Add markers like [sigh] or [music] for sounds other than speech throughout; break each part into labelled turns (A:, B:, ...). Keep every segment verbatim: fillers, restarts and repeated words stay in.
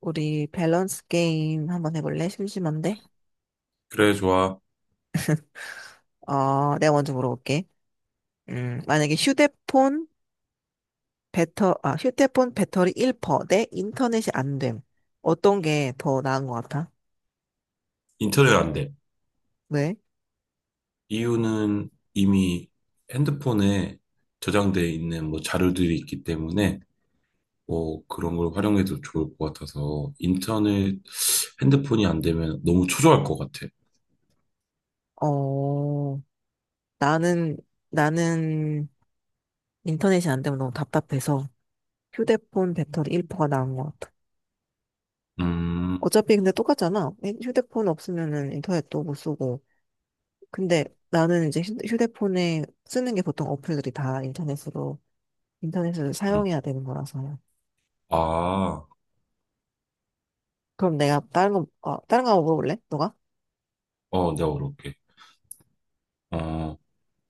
A: 우리 밸런스 게임 한번 해볼래? 심심한데?
B: 그래, 좋아.
A: 어, 내가 먼저 물어볼게. 음, 만약에 휴대폰 배터, 아, 휴대폰 배터리 일 퍼센트대 인터넷이 안 됨. 어떤 게 더 나은 것 같아?
B: 인터넷 안 돼.
A: 왜?
B: 이유는 이미 핸드폰에 저장돼 있는 뭐 자료들이 있기 때문에 뭐 그런 걸 활용해도 좋을 것 같아서 인터넷 핸드폰이 안 되면 너무 초조할 것 같아.
A: 어, 나는, 나는 인터넷이 안 되면 너무 답답해서 휴대폰 배터리 일 퍼센트가 나은 것 같아.
B: 음,
A: 어차피 근데 똑같잖아. 휴대폰 없으면은 인터넷도 못 쓰고. 근데 나는 이제 휴- 휴대폰에 쓰는 게 보통 어플들이 다 인터넷으로 인터넷을
B: 음.
A: 사용해야 되는 거라서요.
B: 아,
A: 그럼 내가 다른 거, 어, 다른 거 한번 물어볼래? 너가?
B: 어, 내가 어렵게, 어,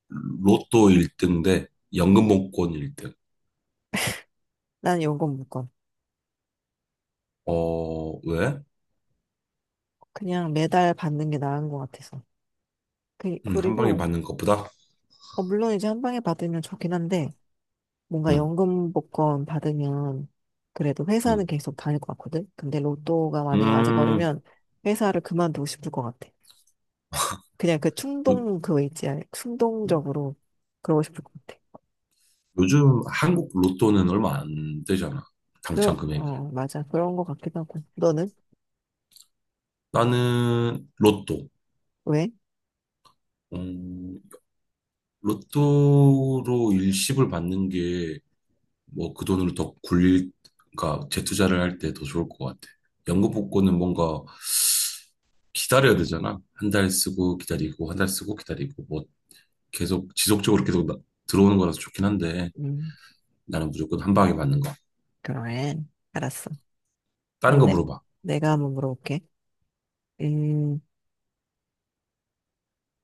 B: 로또 일 등 대 연금복권 일 등.
A: 난 연금 무건.
B: 어, 왜?
A: 그냥 매달 받는 게 나은 것 같아서. 그,
B: 음, 한 방에
A: 그리고,
B: 받는 것보다?
A: 어, 물론 이제 한 방에 받으면 좋긴 한데, 뭔가
B: 음,
A: 연금 복권 받으면, 그래도 회사는
B: 음.
A: 계속 다닐 것 같거든? 근데 로또가 만약에 맞아버리면, 회사를 그만두고 싶을 것 같아. 그냥 그
B: 음,
A: 충동, 그거 있지, 아니, 충동적으로 그러고 싶을 것 같아.
B: 요즘 한국 로또는 얼마 안 되잖아.
A: 그러,
B: 당첨 금액이.
A: 어, 맞아. 그런 것 같기도 하고. 너는?
B: 나는 로또.
A: 왜?
B: 음, 로또로 일시불 받는 게 뭐 그 돈으로 더 굴릴, 그러니까 재투자를 할 때 더 좋을 것 같아. 연금 복권은 뭔가 기다려야 되잖아. 한 달 쓰고 기다리고, 한 달 쓰고 기다리고, 뭐 계속 지속적으로 계속 나- 들어오는 거라서 좋긴 한데
A: 음,
B: 나는 무조건 한 방에 받는 거.
A: 그래. 알았어.
B: 다른
A: 그럼
B: 거
A: 내,
B: 물어봐.
A: 내가 한번 물어볼게. 음,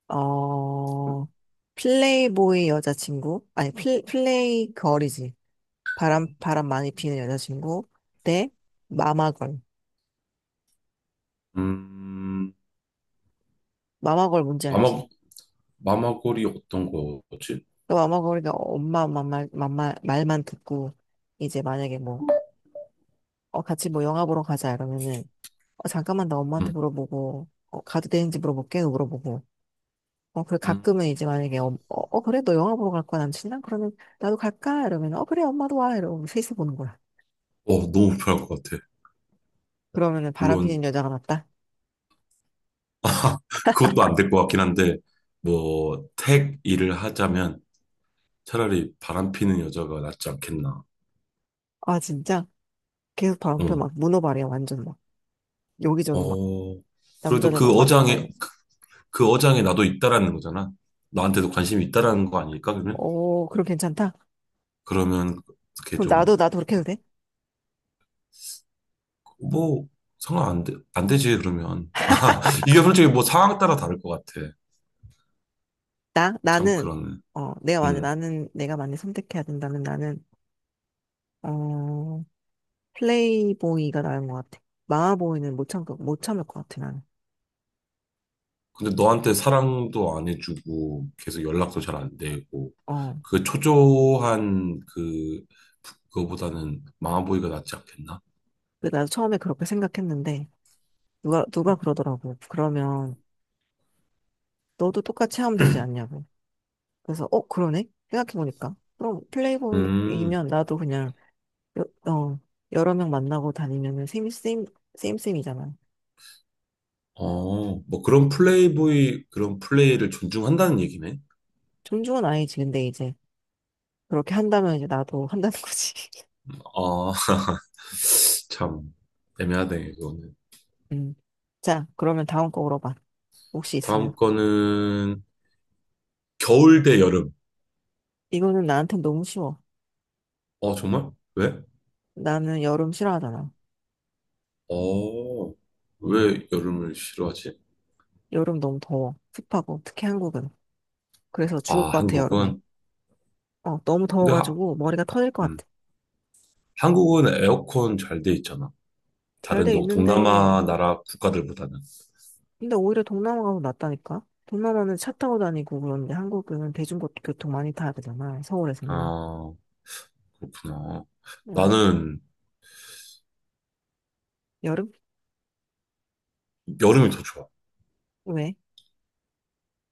A: 어, 플레이보이 여자친구? 아니, 플, 플레이 걸이지. 바람, 바람 많이 피는 여자친구 대 마마걸.
B: 음,
A: 마마걸 뭔지 알지?
B: 마마, 마마골이 어떤 거지?
A: 그 마마걸이가 엄마, 엄마, 말, 말, 말만 듣고, 이제 만약에 뭐, 어, 같이 뭐 영화 보러 가자 이러면은, 어, 잠깐만 나 엄마한테
B: 음.
A: 물어보고, 어, 가도 되는지 물어볼게 그 물어보고, 어, 그래,
B: 음.
A: 가끔은 이제 만약에, 어, 어, 어, 그래, 너 영화 보러 갈 거야, 남친이랑? 그러면, 나도 갈까? 이러면, 어, 그래, 엄마도 와. 이러면 셋이 보는 거야.
B: 어, 너무 불편할 것 같아.
A: 그러면은 바람
B: 물론
A: 피는 여자가 낫다?
B: 그것도 안 될 것 같긴 한데 뭐 택 일을 하자면 차라리 바람 피는 여자가 낫지 않겠나.
A: 아, 진짜? 계속 바람 펴,
B: 응.
A: 막, 문어발이야, 완전 막. 여기저기 막,
B: 어, 그래도
A: 남자를
B: 그
A: 막 만나고
B: 어장에
A: 다녀.
B: 그 어장에 나도 있다라는 거잖아. 나한테도 관심이 있다라는 거 아닐까 그러면?
A: 어, 그럼 괜찮다?
B: 그러면 그게
A: 그럼
B: 좀
A: 나도,
B: 뭐
A: 나도 그렇게 해도 돼?
B: 상황 안 돼, 안 되지 그러면. [laughs] 아, 이게 솔직히 뭐 상황 따라 다를 것 같아.
A: 나,
B: 참
A: 나는,
B: 그러네.
A: 어, 내가 만약,
B: 음.
A: 나는, 내가 만약 선택해야 된다면 나는, 어, 플레이보이가 나은 것 같아. 마마보이는 못 참, 못 참을 것 같아, 나는.
B: 근데 너한테 사랑도 안 해주고 계속 연락도 잘 안 되고
A: 어.
B: 그 초조한 그 그거보다는 망아보이가 낫지 않겠나?
A: 근데 나도 처음에 그렇게 생각했는데, 누가, 누가 그러더라고. 그러면 너도 똑같이 하면 되지 않냐고. 그래서, 어, 그러네? 생각해보니까. 그럼
B: 음,
A: 플레이보이면 나도 그냥, 여, 어, 여러 명 만나고 다니면은 셈이, 셈, 셈셈이잖아.
B: 어, 뭐 그런 플레이보이 그런 플레이를 존중한다는 얘기네.
A: 존중은 아니지. 근데 이제, 그렇게 한다면 이제 나도 한다는 거지. [laughs]
B: 아, [laughs] 참 애매하네 이거는.
A: 음. 자, 그러면 다음 거 물어봐. 혹시 있으면.
B: 다음 거는 겨울 대 여름.
A: 이거는 나한테 너무 쉬워.
B: 어, 정말? 왜?
A: 나는 여름 싫어하잖아.
B: 어, 왜 여름을 싫어하지?
A: 여름 너무 더워. 습하고, 특히 한국은. 그래서 죽을
B: 아,
A: 것 같아, 여름에.
B: 한국은,
A: 어, 너무
B: 근데 하,
A: 더워가지고 머리가 터질 것
B: 음,
A: 같아.
B: 한국은 에어컨 잘 돼 있잖아.
A: 잘
B: 다른
A: 돼
B: 동-
A: 있는데,
B: 동남아 나라 국가들보다는.
A: 근데 오히려 동남아가 더 낫다니까? 동남아는 차 타고 다니고 그런데 한국은 대중교통 많이 타야 되잖아, 서울에서는.
B: 아, 그렇구나.
A: 응.
B: 나는
A: 여름?
B: 여름이 더 좋아.
A: 왜?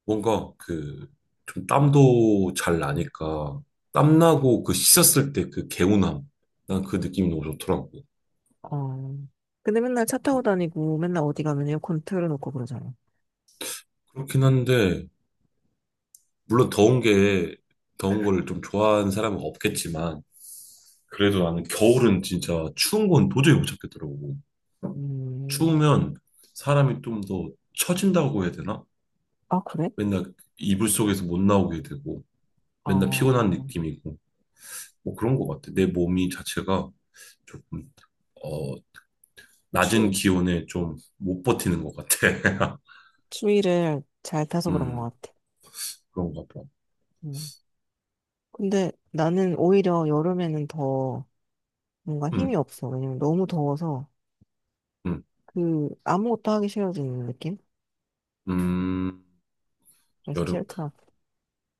B: 뭔가 그, 좀 땀도 잘 나니까, 땀나고 그 씻었을 때 그 개운함. 난 그 느낌이 너무 좋더라고.
A: 어. 근데 맨날 차 타고
B: 음,
A: 다니고 맨날 어디 가면 에어컨 틀어놓고 그러잖아.
B: 그렇긴 한데, 물론 더운 게, 더운 걸 좀 좋아하는 사람은 없겠지만, 그래도 나는 겨울은 진짜 추운 건 도저히 못 참겠더라고.
A: 음.
B: 추우면 사람이 좀 더 처진다고 해야 되나?
A: 아, 그래?
B: 맨날 이불 속에서 못 나오게 되고. 맨날 피곤한
A: 아,
B: 느낌이고 뭐 그런 것 같아. 내 몸이 자체가 조금 어 낮은
A: 추,
B: 기온에 좀 못 버티는 것 같아. [laughs]
A: 추위를 잘 타서 그런
B: 음,
A: 것 같아.
B: 그런가 봐.
A: 음. 근데 나는 오히려 여름에는 더 뭔가
B: 음,
A: 힘이 없어. 왜냐면 너무 더워서
B: 음,
A: 그 아무것도 하기 싫어지는 느낌?
B: 음
A: 그래서
B: 여름
A: 싫더라.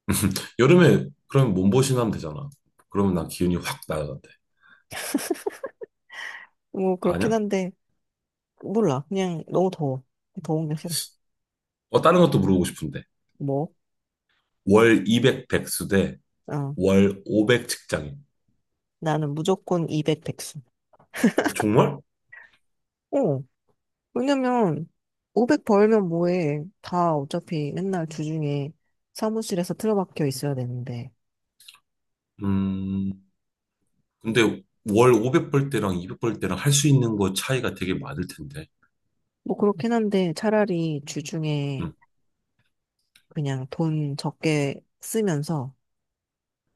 B: [laughs] 여름에 그럼 몸보신 하면 되잖아. 그러면 난 기운이 확 날아간대.
A: 뭐 그렇긴
B: 아니야?
A: 한데 몰라, 그냥 너무 더워, 더운 게 싫어.
B: 어, 다른 것도 물어보고 싶은데
A: 뭐?
B: 월 이백 백수
A: 어,
B: 대월 오백 직장인.
A: 나는 무조건 이백 백수.
B: 어, 정말?
A: 어 왜냐면 오백 벌면 뭐해, 다 어차피 맨날 주중에 사무실에서 틀어박혀 있어야 되는데.
B: 음 근데 월 오백 벌 때랑 이백 벌 때랑 할 수 있는 거 차이가 되게 많을 텐데.
A: 뭐 그렇긴 한데 차라리 주중에
B: 음,
A: 그냥 돈 적게 쓰면서,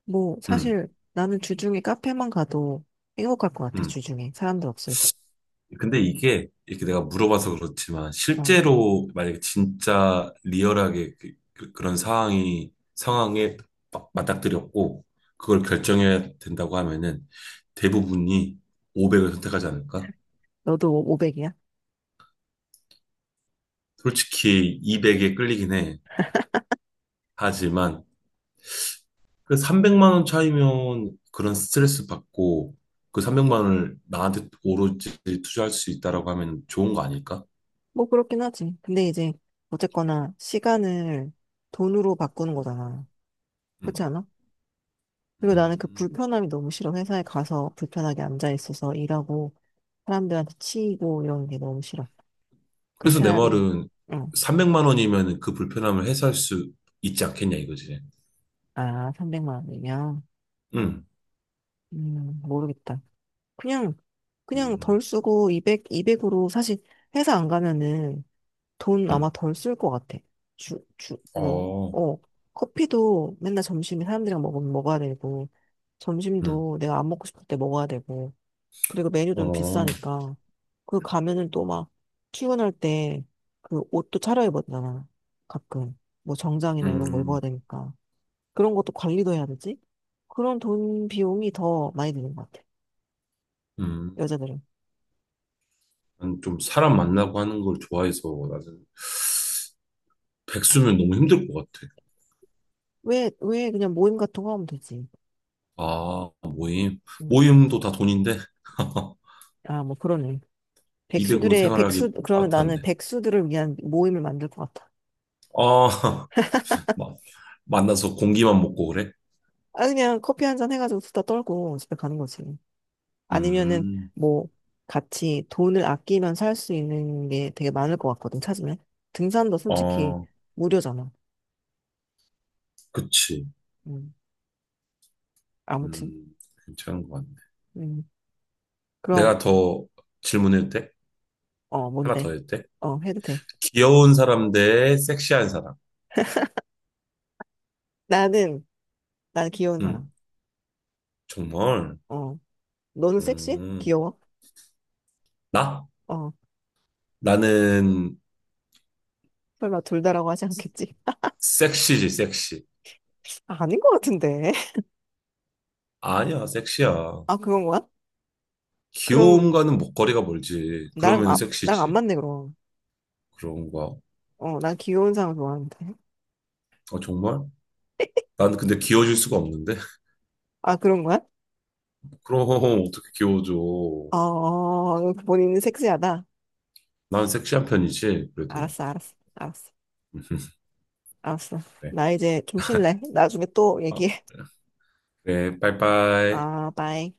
A: 뭐
B: 음.
A: 사실 나는 주중에 카페만 가도 행복할 것 같아,
B: 음.
A: 주중에 사람들 없을 때.
B: 근데 이게 이렇게 내가 물어봐서 그렇지만
A: 어,
B: 실제로 만약에 진짜 리얼하게 그, 런 상황이 상황에 막 맞닥뜨렸고 그걸 결정해야 된다고 하면은 대부분이 오백을 선택하지 않을까?
A: 너도 오백이야?
B: 솔직히 이백에 끌리긴 해. 하지만 그 삼백만 원 차이면 그런 스트레스 받고 그 삼백만 원을 나한테 오로지 투자할 수 있다라고 하면 좋은 거 아닐까?
A: 뭐 그렇긴 하지. 근데 이제 어쨌거나 시간을 돈으로 바꾸는 거잖아.
B: 음.
A: 그렇지 않아? 그리고 나는 그
B: 음.
A: 불편함이 너무 싫어. 회사에 가서 불편하게 앉아 있어서 일하고 사람들한테 치이고 이런 게 너무 싫어. 그냥
B: 그래서 내
A: 차라리.
B: 말은
A: 응.
B: 삼백만 원이면 그 불편함을 해소할 수 있지 않겠냐 이거지.
A: 아, 삼백만 원이면
B: 응,
A: 음, 모르겠다. 그냥 그냥
B: 응.
A: 덜 쓰고 이백 이백으로 사실 회사 안 가면은 돈
B: 응,
A: 아마 덜 쓸 것 같아. 주, 주, 뭐,
B: 어,
A: 어, 커피도 맨날 점심에 사람들이랑 먹으면 먹어야 되고,
B: 응,
A: 점심도 내가 안 먹고 싶을 때 먹어야 되고, 그리고 메뉴들도
B: 어,
A: 비싸니까, 그 가면은 또 막, 출근할 때, 그 옷도 차려입어야 되잖아. 가끔. 뭐 정장이나 이런 거 입어야
B: 음,
A: 되니까. 그런 것도 관리도 해야 되지? 그런 돈 비용이 더 많이 드는 것 같아.
B: 음.
A: 여자들은.
B: 난좀 사람 만나고 하는 걸 좋아해서 나는 백수면 너무 힘들 것 같아.
A: 왜, 왜 그냥 모임 같은 거 하면 되지?
B: 아, 모임.
A: 음.
B: 모임도 다 돈인데 [laughs]
A: 아, 뭐 그러네.
B: 이백으로
A: 백수들의, 백수,
B: 생활하기
A: 그러면 나는
B: 빠탄데.
A: 백수들을 위한 모임을 만들 것 같아.
B: 아, [laughs] 막 만나서 공기만 먹고 그래?
A: 아, 그냥 커피 한 잔 해가지고 수다 떨고 집에 가는 거지. 아니면은
B: 음,
A: 뭐 같이 돈을 아끼면 살 수 있는 게 되게 많을 것 같거든, 찾으면. 등산도 솔직히
B: 아.
A: 무료잖아.
B: 그치.
A: 음, 아무튼.
B: 음, 괜찮은 것 같네.
A: 음, 그럼,
B: 내가 더 질문해도 돼?
A: 어,
B: 하나
A: 뭔데?
B: 더 해도 돼?
A: 어, 해도 돼.
B: 귀여운 사람 대 섹시한 사람.
A: 나는, 난 귀여운 사람.
B: 응, 정말.
A: 어, 너는 섹시해?
B: 음,
A: 귀여워?
B: 나?
A: 어,
B: 나는
A: 설마 둘 다라고 하지 않겠지?
B: 섹시지, 섹시.
A: [laughs] 아닌 것 같은데. [laughs]
B: 아니야, 섹시야.
A: 아, 그건 거야? 그럼,
B: 귀여움과는 목걸이가 멀지.
A: 나랑,
B: 그러면
A: 아, 나랑 안
B: 섹시지.
A: 맞네, 그럼.
B: 그런 거.
A: 어, 난 귀여운 사람 좋아하는데.
B: 아, 정말? 난 근데 귀여워질 수가 없는데?
A: 아, 그런 거야?
B: [laughs] 그럼 어떻게 귀여워져?
A: 어, 본인은 섹시하다.
B: 난 섹시한 편이지, 그래도.
A: 알았어, 알았어, 알았어.
B: [laughs]
A: 알았어.
B: 그래.
A: 나 이제 좀 쉴래. 나중에 또
B: 어,
A: 얘기해.
B: 그래, 빠이빠이.
A: 아, 바이.